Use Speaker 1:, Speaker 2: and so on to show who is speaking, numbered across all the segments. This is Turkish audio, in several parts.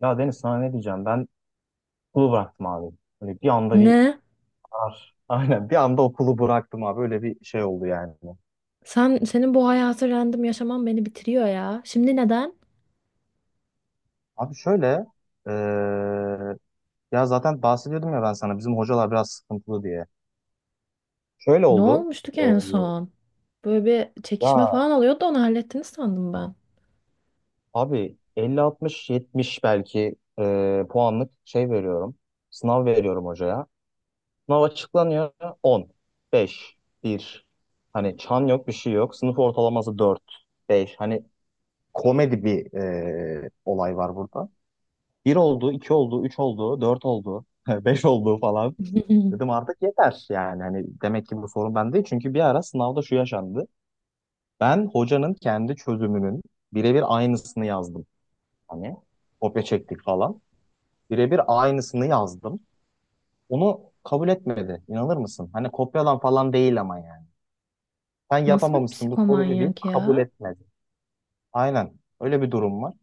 Speaker 1: Ya Deniz, sana ne diyeceğim? Ben okulu bıraktım abi. Böyle bir anda bir
Speaker 2: Ne?
Speaker 1: karar. Aynen bir anda okulu bıraktım abi. Öyle bir şey oldu yani.
Speaker 2: Sen senin bu hayatı random yaşaman beni bitiriyor ya. Şimdi neden?
Speaker 1: Abi şöyle eee, ya zaten bahsediyordum ya ben sana bizim hocalar biraz sıkıntılı diye. Şöyle
Speaker 2: Ne
Speaker 1: oldu.
Speaker 2: olmuştu ki
Speaker 1: eee,
Speaker 2: en son? Böyle bir çekişme
Speaker 1: ya
Speaker 2: falan oluyordu da onu hallettiniz sandım ben.
Speaker 1: abi 50-60-70 belki puanlık şey veriyorum. Sınav veriyorum hocaya. Sınav açıklanıyor 10, 5, 1. Hani çan yok, bir şey yok. Sınıf ortalaması 4, 5. Hani komedi bir olay var burada. Bir oldu, iki oldu, üç oldu, dört oldu, beş oldu falan. Dedim artık yeter yani. Hani demek ki bu sorun bende değil. Çünkü bir ara sınavda şu yaşandı. Ben hocanın kendi çözümünün birebir aynısını yazdım. Hani kopya çektik falan. Birebir aynısını yazdım. Onu kabul etmedi. İnanır mısın? Hani kopyalan falan değil ama yani. Sen
Speaker 2: Nasıl bir
Speaker 1: yapamamışsın bu soruyu deyip
Speaker 2: psikomanyak
Speaker 1: kabul
Speaker 2: ya?
Speaker 1: etmedi. Aynen. Öyle bir durum var.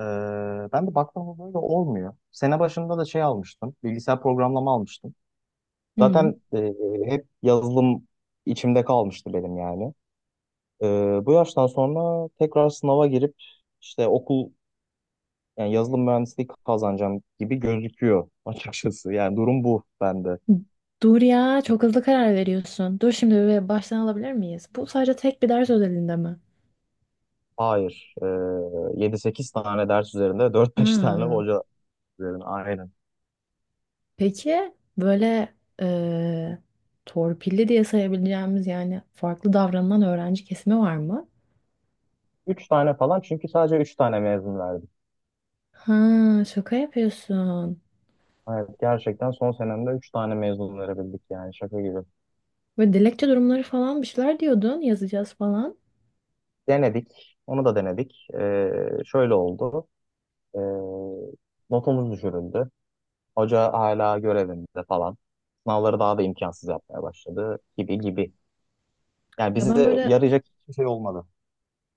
Speaker 1: Ee, Ben de baktığımda böyle olmuyor. Sene başında da şey almıştım. Bilgisayar programlama almıştım.
Speaker 2: Hı.
Speaker 1: Zaten hep yazılım içimde kalmıştı benim yani. Bu yaştan sonra tekrar sınava girip işte okul yani yazılım mühendisliği kazanacağım gibi gözüküyor açıkçası. Yani durum bu bende.
Speaker 2: Dur ya çok hızlı karar veriyorsun. Dur şimdi bir baştan alabilir miyiz? Bu sadece tek bir ders özelinde mi?
Speaker 1: Hayır. 7-8 tane ders üzerinde dört beş tane
Speaker 2: Hı.
Speaker 1: hoca üzerine aynen.
Speaker 2: Peki böyle eee, torpilli diye sayabileceğimiz yani farklı davranan öğrenci kesimi var mı?
Speaker 1: Üç tane falan, çünkü sadece 3 tane mezun verdi.
Speaker 2: Ha, şaka yapıyorsun.
Speaker 1: Evet, gerçekten son senemde 3 tane mezun verebildik yani, şaka gibi.
Speaker 2: Böyle dilekçe durumları falan bir şeyler diyordun yazacağız falan.
Speaker 1: Denedik, onu da denedik. Şöyle oldu, ee, notumuz düşürüldü. Hoca hala görevinde falan. Sınavları daha da imkansız yapmaya başladı gibi gibi. Yani
Speaker 2: Ya ben
Speaker 1: bize
Speaker 2: böyle
Speaker 1: yarayacak hiçbir şey olmadı.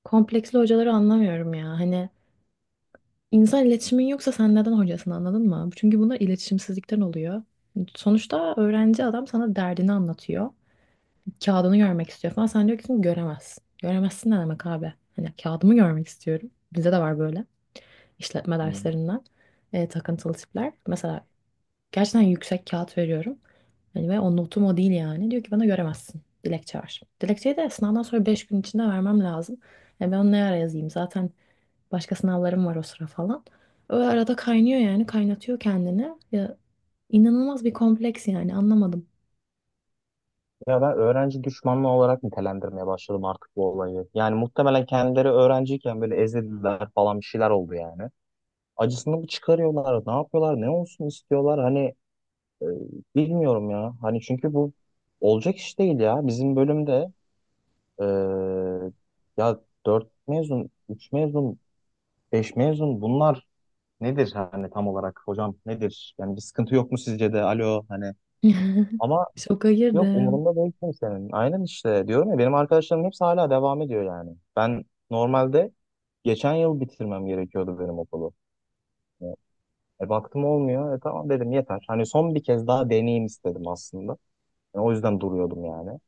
Speaker 2: kompleksli hocaları anlamıyorum ya. Hani insan iletişimin yoksa sen neden hocasın anladın mı? Çünkü bunlar iletişimsizlikten oluyor. Sonuçta öğrenci adam sana derdini anlatıyor. Kağıdını görmek istiyor falan. Sen diyorsun göremezsin. Göremezsin ne demek abi? Hani kağıdımı görmek istiyorum. Bize de var böyle işletme
Speaker 1: Hmm.
Speaker 2: derslerinden takıntılı tipler. Mesela gerçekten yüksek kağıt veriyorum. Hani ve o notum o değil yani. Diyor ki bana göremezsin. Dilekçe ver. Dilekçeyi de sınavdan sonra 5 gün içinde vermem lazım. E ben onu ne ara yazayım? Zaten başka sınavlarım var o sıra falan. O arada kaynıyor yani. Kaynatıyor kendini. Ya, inanılmaz bir kompleks yani. Anlamadım.
Speaker 1: Ya ben öğrenci düşmanlığı olarak nitelendirmeye başladım artık bu olayı. Yani muhtemelen kendileri öğrenciyken böyle ezildiler falan, bir şeyler oldu yani. Acısını mı çıkarıyorlar, ne yapıyorlar, ne olsun istiyorlar? Hani Ee, bilmiyorum ya. Hani çünkü bu olacak iş değil ya. Bizim bölümde eee, ya 4 mezun, 3 mezun, 5 mezun, bunlar nedir hani tam olarak hocam, nedir? Yani bir sıkıntı yok mu sizce de? Alo, hani ama
Speaker 2: Şoka
Speaker 1: yok,
Speaker 2: girdim.
Speaker 1: umurumda değil kimsenin. Aynen, işte diyorum ya, benim arkadaşlarım hepsi hala devam ediyor yani. Ben normalde geçen yıl bitirmem gerekiyordu benim okulu. E baktım olmuyor. E tamam dedim, yeter. Hani son bir kez daha deneyim istedim aslında. Yani o yüzden duruyordum yani.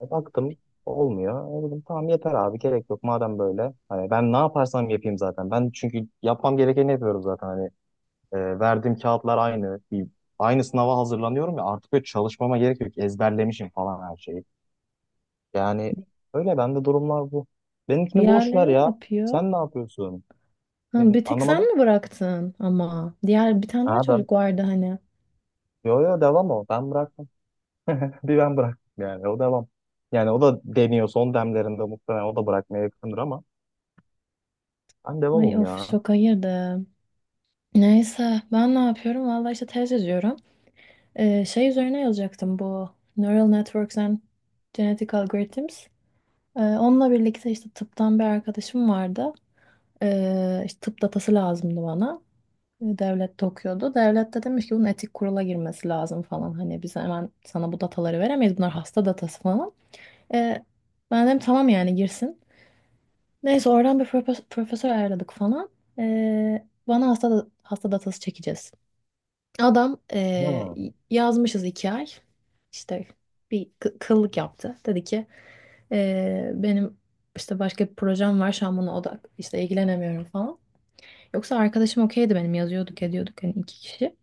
Speaker 1: E, baktım olmuyor. E, dedim tamam yeter abi, gerek yok madem böyle. Hani ben ne yaparsam yapayım zaten. Ben çünkü yapmam gerekeni yapıyorum zaten. Hani verdiğim kağıtlar aynı. Aynı sınava hazırlanıyorum ya, artık böyle çalışmama gerek yok. Ezberlemişim falan her şeyi. Yani öyle bende durumlar bu. Benimkini boş ver
Speaker 2: Diğerleri ne
Speaker 1: ya.
Speaker 2: yapıyor?
Speaker 1: Sen ne yapıyorsun?
Speaker 2: Ha,
Speaker 1: Ben,
Speaker 2: bir tek sen
Speaker 1: anlamadım.
Speaker 2: mi bıraktın ama? Diğer bir tane daha
Speaker 1: Ha, ben
Speaker 2: çocuk vardı hani.
Speaker 1: yo yo, devam o. Ben bıraktım. Bir ben bıraktım yani, o devam. Yani o da deniyor son demlerinde, muhtemelen o da bırakmaya yakındır, ama ben
Speaker 2: Ay
Speaker 1: devamım
Speaker 2: of
Speaker 1: ya.
Speaker 2: şoka girdim. Neyse ben ne yapıyorum? Vallahi işte tez yazıyorum. Şey üzerine yazacaktım bu Neural Networks and Genetic Algorithms. Onunla birlikte işte tıptan bir arkadaşım vardı. İşte tıp datası lazımdı bana. Devlette okuyordu. Devlette demiş ki bunun etik kurula girmesi lazım falan. Hani biz hemen sana bu dataları veremeyiz. Bunlar hasta datası falan. Ee, Ben dedim tamam yani girsin. Neyse oradan bir profesör ayarladık falan. Bana hasta datası çekeceğiz. Adam
Speaker 1: Ha.
Speaker 2: yazmışız 2 ay. İşte bir kıllık yaptı. Dedi ki benim işte başka bir projem var şu an buna odak işte ilgilenemiyorum falan. Yoksa arkadaşım okeydi benim yazıyorduk ediyorduk hani iki kişi.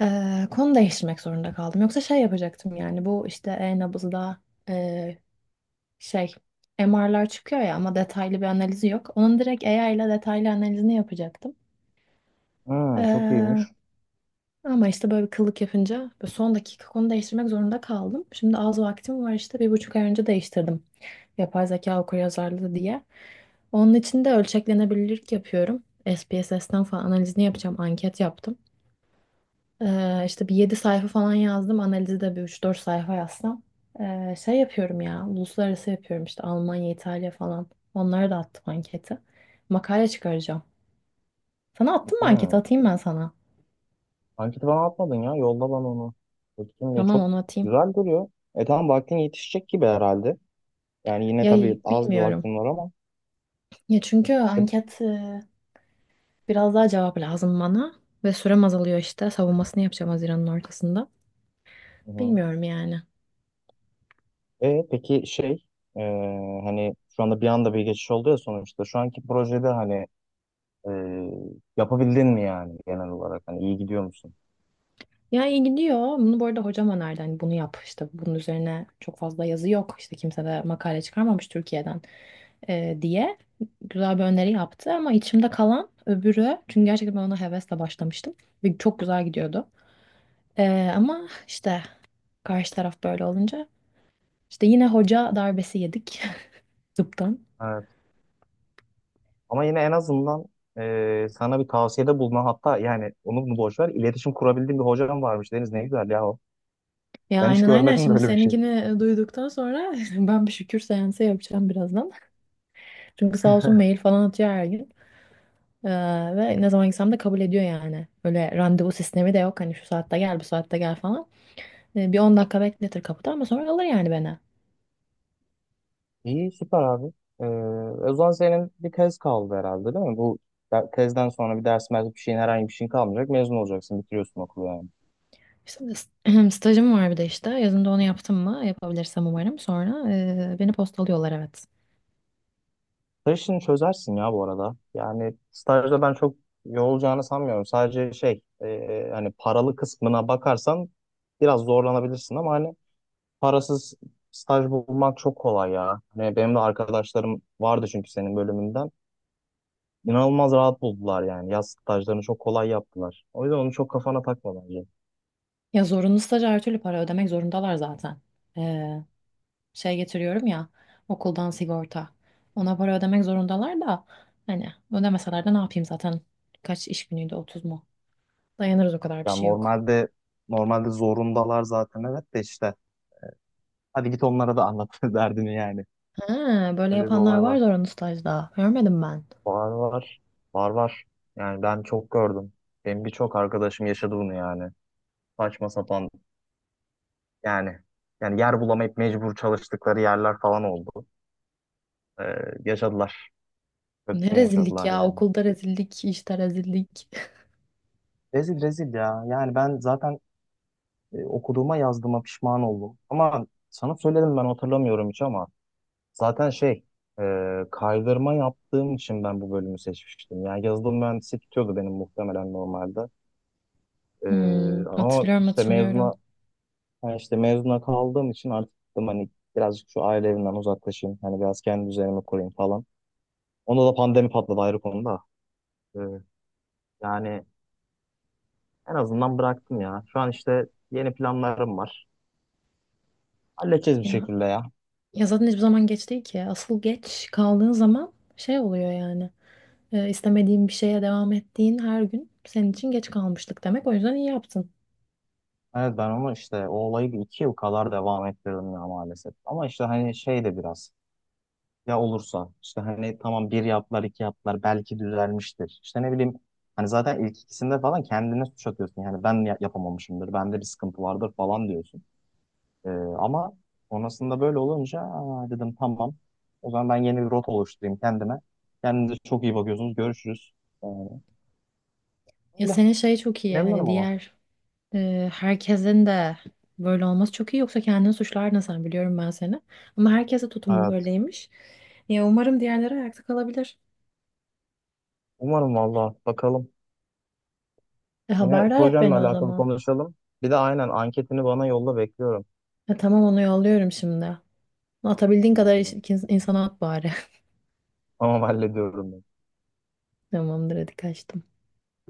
Speaker 2: Konu değiştirmek zorunda kaldım. Yoksa şey yapacaktım yani bu işte e-nabızda eee, şey MR'lar çıkıyor ya ama detaylı bir analizi yok. Onun direkt AI ile detaylı analizini yapacaktım.
Speaker 1: Hmm, çok iyiymiş.
Speaker 2: Ama işte böyle bir kıllık yapınca böyle son dakika konu değiştirmek zorunda kaldım. Şimdi az vaktim var işte 1,5 ay önce değiştirdim. Yapay zeka okuryazarlığı diye. Onun için de ölçeklenebilirlik yapıyorum. SPSS'ten falan analizini yapacağım. Anket yaptım. İşte bir 7 sayfa falan yazdım. Analizi de bir üç dört sayfa yazsam. Şey yapıyorum ya. Uluslararası yapıyorum işte Almanya, İtalya falan. Onlara da attım anketi. Makale çıkaracağım. Sana attım mı anketi?
Speaker 1: Hmm.
Speaker 2: Atayım ben sana.
Speaker 1: Anketi bana atmadın ya. Yolla bana onu. Bakayım, ve
Speaker 2: Tamam
Speaker 1: çok
Speaker 2: onu atayım.
Speaker 1: güzel duruyor. E tamam, vaktin yetişecek gibi herhalde. Yani yine
Speaker 2: Ya
Speaker 1: tabii az bir
Speaker 2: bilmiyorum.
Speaker 1: vaktin var ama.
Speaker 2: Ya çünkü
Speaker 1: E,
Speaker 2: anket biraz daha cevap lazım bana ve sürem azalıyor işte. Savunmasını yapacağım Haziran'ın ortasında.
Speaker 1: hı hı.
Speaker 2: Bilmiyorum yani.
Speaker 1: E, peki şey e, hani şu anda bir anda bir geçiş oldu ya sonuçta. Şu anki projede hani e, yapabildin mi yani genel olarak? Hani iyi gidiyor musun?
Speaker 2: Ya iyi gidiyor. Bunu bu arada hocam önerdi. Hani bunu yap işte bunun üzerine çok fazla yazı yok. İşte kimse de makale çıkarmamış Türkiye'den diye güzel bir öneri yaptı. Ama içimde kalan öbürü çünkü gerçekten ben ona hevesle başlamıştım. Ve çok güzel gidiyordu. E, ama işte karşı taraf böyle olunca işte yine hoca darbesi yedik tıptan.
Speaker 1: Evet. Ama yine en azından sana bir tavsiyede bulunan, hatta yani onu bunu boş ver, iletişim kurabildiğin bir hocam varmış Deniz, ne güzel ya o.
Speaker 2: Ya
Speaker 1: Ben hiç
Speaker 2: aynen aynen
Speaker 1: görmedim
Speaker 2: şimdi
Speaker 1: böyle bir şey.
Speaker 2: seninkini duyduktan sonra ben bir şükür seansı yapacağım birazdan. Çünkü sağ olsun mail falan atıyor her gün. Ee, Ve ne zaman gitsem de kabul ediyor yani. Öyle randevu sistemi de yok hani şu saatte gel bu saatte gel falan. Bir 10 dakika bekletir kapıda ama sonra alır yani beni.
Speaker 1: İyi, süper abi. Ee, O zaman senin bir tez kaldı herhalde değil mi? Bu tezden sonra bir ders bir şeyin, herhangi bir şeyin kalmayacak. Mezun olacaksın, bitiriyorsun okulu yani.
Speaker 2: İşte stajım var bir de işte yazında onu yaptım mı yapabilirsem umarım sonra beni postalıyorlar evet.
Speaker 1: Staj işini çözersin ya bu arada. Yani stajda ben çok yorulacağını sanmıyorum. Sadece şey hani paralı kısmına bakarsan biraz zorlanabilirsin, ama hani parasız staj bulmak çok kolay ya. Hani benim de arkadaşlarım vardı çünkü senin bölümünden. İnanılmaz rahat buldular yani. Yaz stajlarını çok kolay yaptılar. O yüzden onu çok kafana takma bence.
Speaker 2: Ya zorunlu staj her türlü para ödemek zorundalar zaten. Şey getiriyorum ya okuldan sigorta. Ona para ödemek zorundalar da hani ödemeseler de ne yapayım zaten kaç iş günüydü 30 mu? Dayanırız o kadar bir
Speaker 1: Ya
Speaker 2: şey yok.
Speaker 1: normalde zorundalar zaten, evet de işte. Hadi git onlara da anlat derdini yani.
Speaker 2: Ha, böyle
Speaker 1: Öyle bir
Speaker 2: yapanlar
Speaker 1: olay
Speaker 2: var
Speaker 1: var.
Speaker 2: zorunlu stajda. Görmedim ben.
Speaker 1: Var var. Var var. Yani ben çok gördüm. Benim birçok arkadaşım yaşadı bunu yani. Saçma sapan yani. Yani yer bulamayıp mecbur çalıştıkları yerler falan oldu. Ee, Yaşadılar.
Speaker 2: Ne
Speaker 1: Kötüsünü
Speaker 2: rezillik
Speaker 1: yaşadılar
Speaker 2: ya
Speaker 1: yani.
Speaker 2: okulda rezillik işte rezillik.
Speaker 1: Rezil rezil ya. Yani ben zaten okuduğuma yazdığıma pişman oldum. Ama sana söyledim, ben hatırlamıyorum hiç ama. Zaten şey, e, kaydırma yaptığım için ben bu bölümü seçmiştim. Yani yazılım mühendisi tutuyordu benim muhtemelen normalde. E,
Speaker 2: Hmm,
Speaker 1: ama
Speaker 2: hatırlıyorum
Speaker 1: işte
Speaker 2: hatırlıyorum.
Speaker 1: mezuna, yani işte mezuna kaldığım için artık dedim hani birazcık şu aile evinden uzaklaşayım. Hani biraz kendi üzerime kurayım falan. Onda da pandemi patladı, ayrı konuda. E, yani en azından bıraktım ya. Şu an işte yeni planlarım var. Halledeceğiz bir
Speaker 2: Ya,
Speaker 1: şekilde ya.
Speaker 2: ya zaten hiçbir zaman geç değil ki. Asıl geç kaldığın zaman şey oluyor yani. İstemediğin bir şeye devam ettiğin her gün senin için geç kalmışlık demek. O yüzden iyi yaptın.
Speaker 1: Evet, ben onu işte o olayı bir iki yıl kadar devam ettirdim ya maalesef. Ama işte hani şey de biraz. Ya olursa işte hani tamam, bir yaptılar iki yaptılar belki düzelmiştir. İşte ne bileyim, hani zaten ilk ikisinde falan kendine suç atıyorsun. Yani ben yapamamışımdır, bende bir sıkıntı vardır falan diyorsun. Ee, Ama sonrasında böyle olunca "Aa," dedim tamam, o zaman ben yeni bir rota oluşturayım kendime. Kendinize çok iyi bakıyorsunuz, görüşürüz. Ee,
Speaker 2: Ya
Speaker 1: Öyle,
Speaker 2: senin şey çok iyi hani
Speaker 1: memnunum ama.
Speaker 2: diğer herkesin de böyle olması çok iyi yoksa kendini suçlardın sen biliyorum ben seni. Ama herkese tutum
Speaker 1: Evet,
Speaker 2: böyleymiş. Ya umarım diğerleri ayakta kalabilir.
Speaker 1: umarım valla, bakalım.
Speaker 2: E,
Speaker 1: Yine
Speaker 2: haberdar et
Speaker 1: projenle
Speaker 2: beni o
Speaker 1: alakalı
Speaker 2: zaman.
Speaker 1: konuşalım. Bir de aynen anketini bana yolla, bekliyorum.
Speaker 2: E, tamam onu yolluyorum şimdi. Atabildiğin
Speaker 1: Tamam
Speaker 2: kadar
Speaker 1: tamam.
Speaker 2: insana at bari.
Speaker 1: Tamam hallediyorum.
Speaker 2: Tamamdır hadi kaçtım.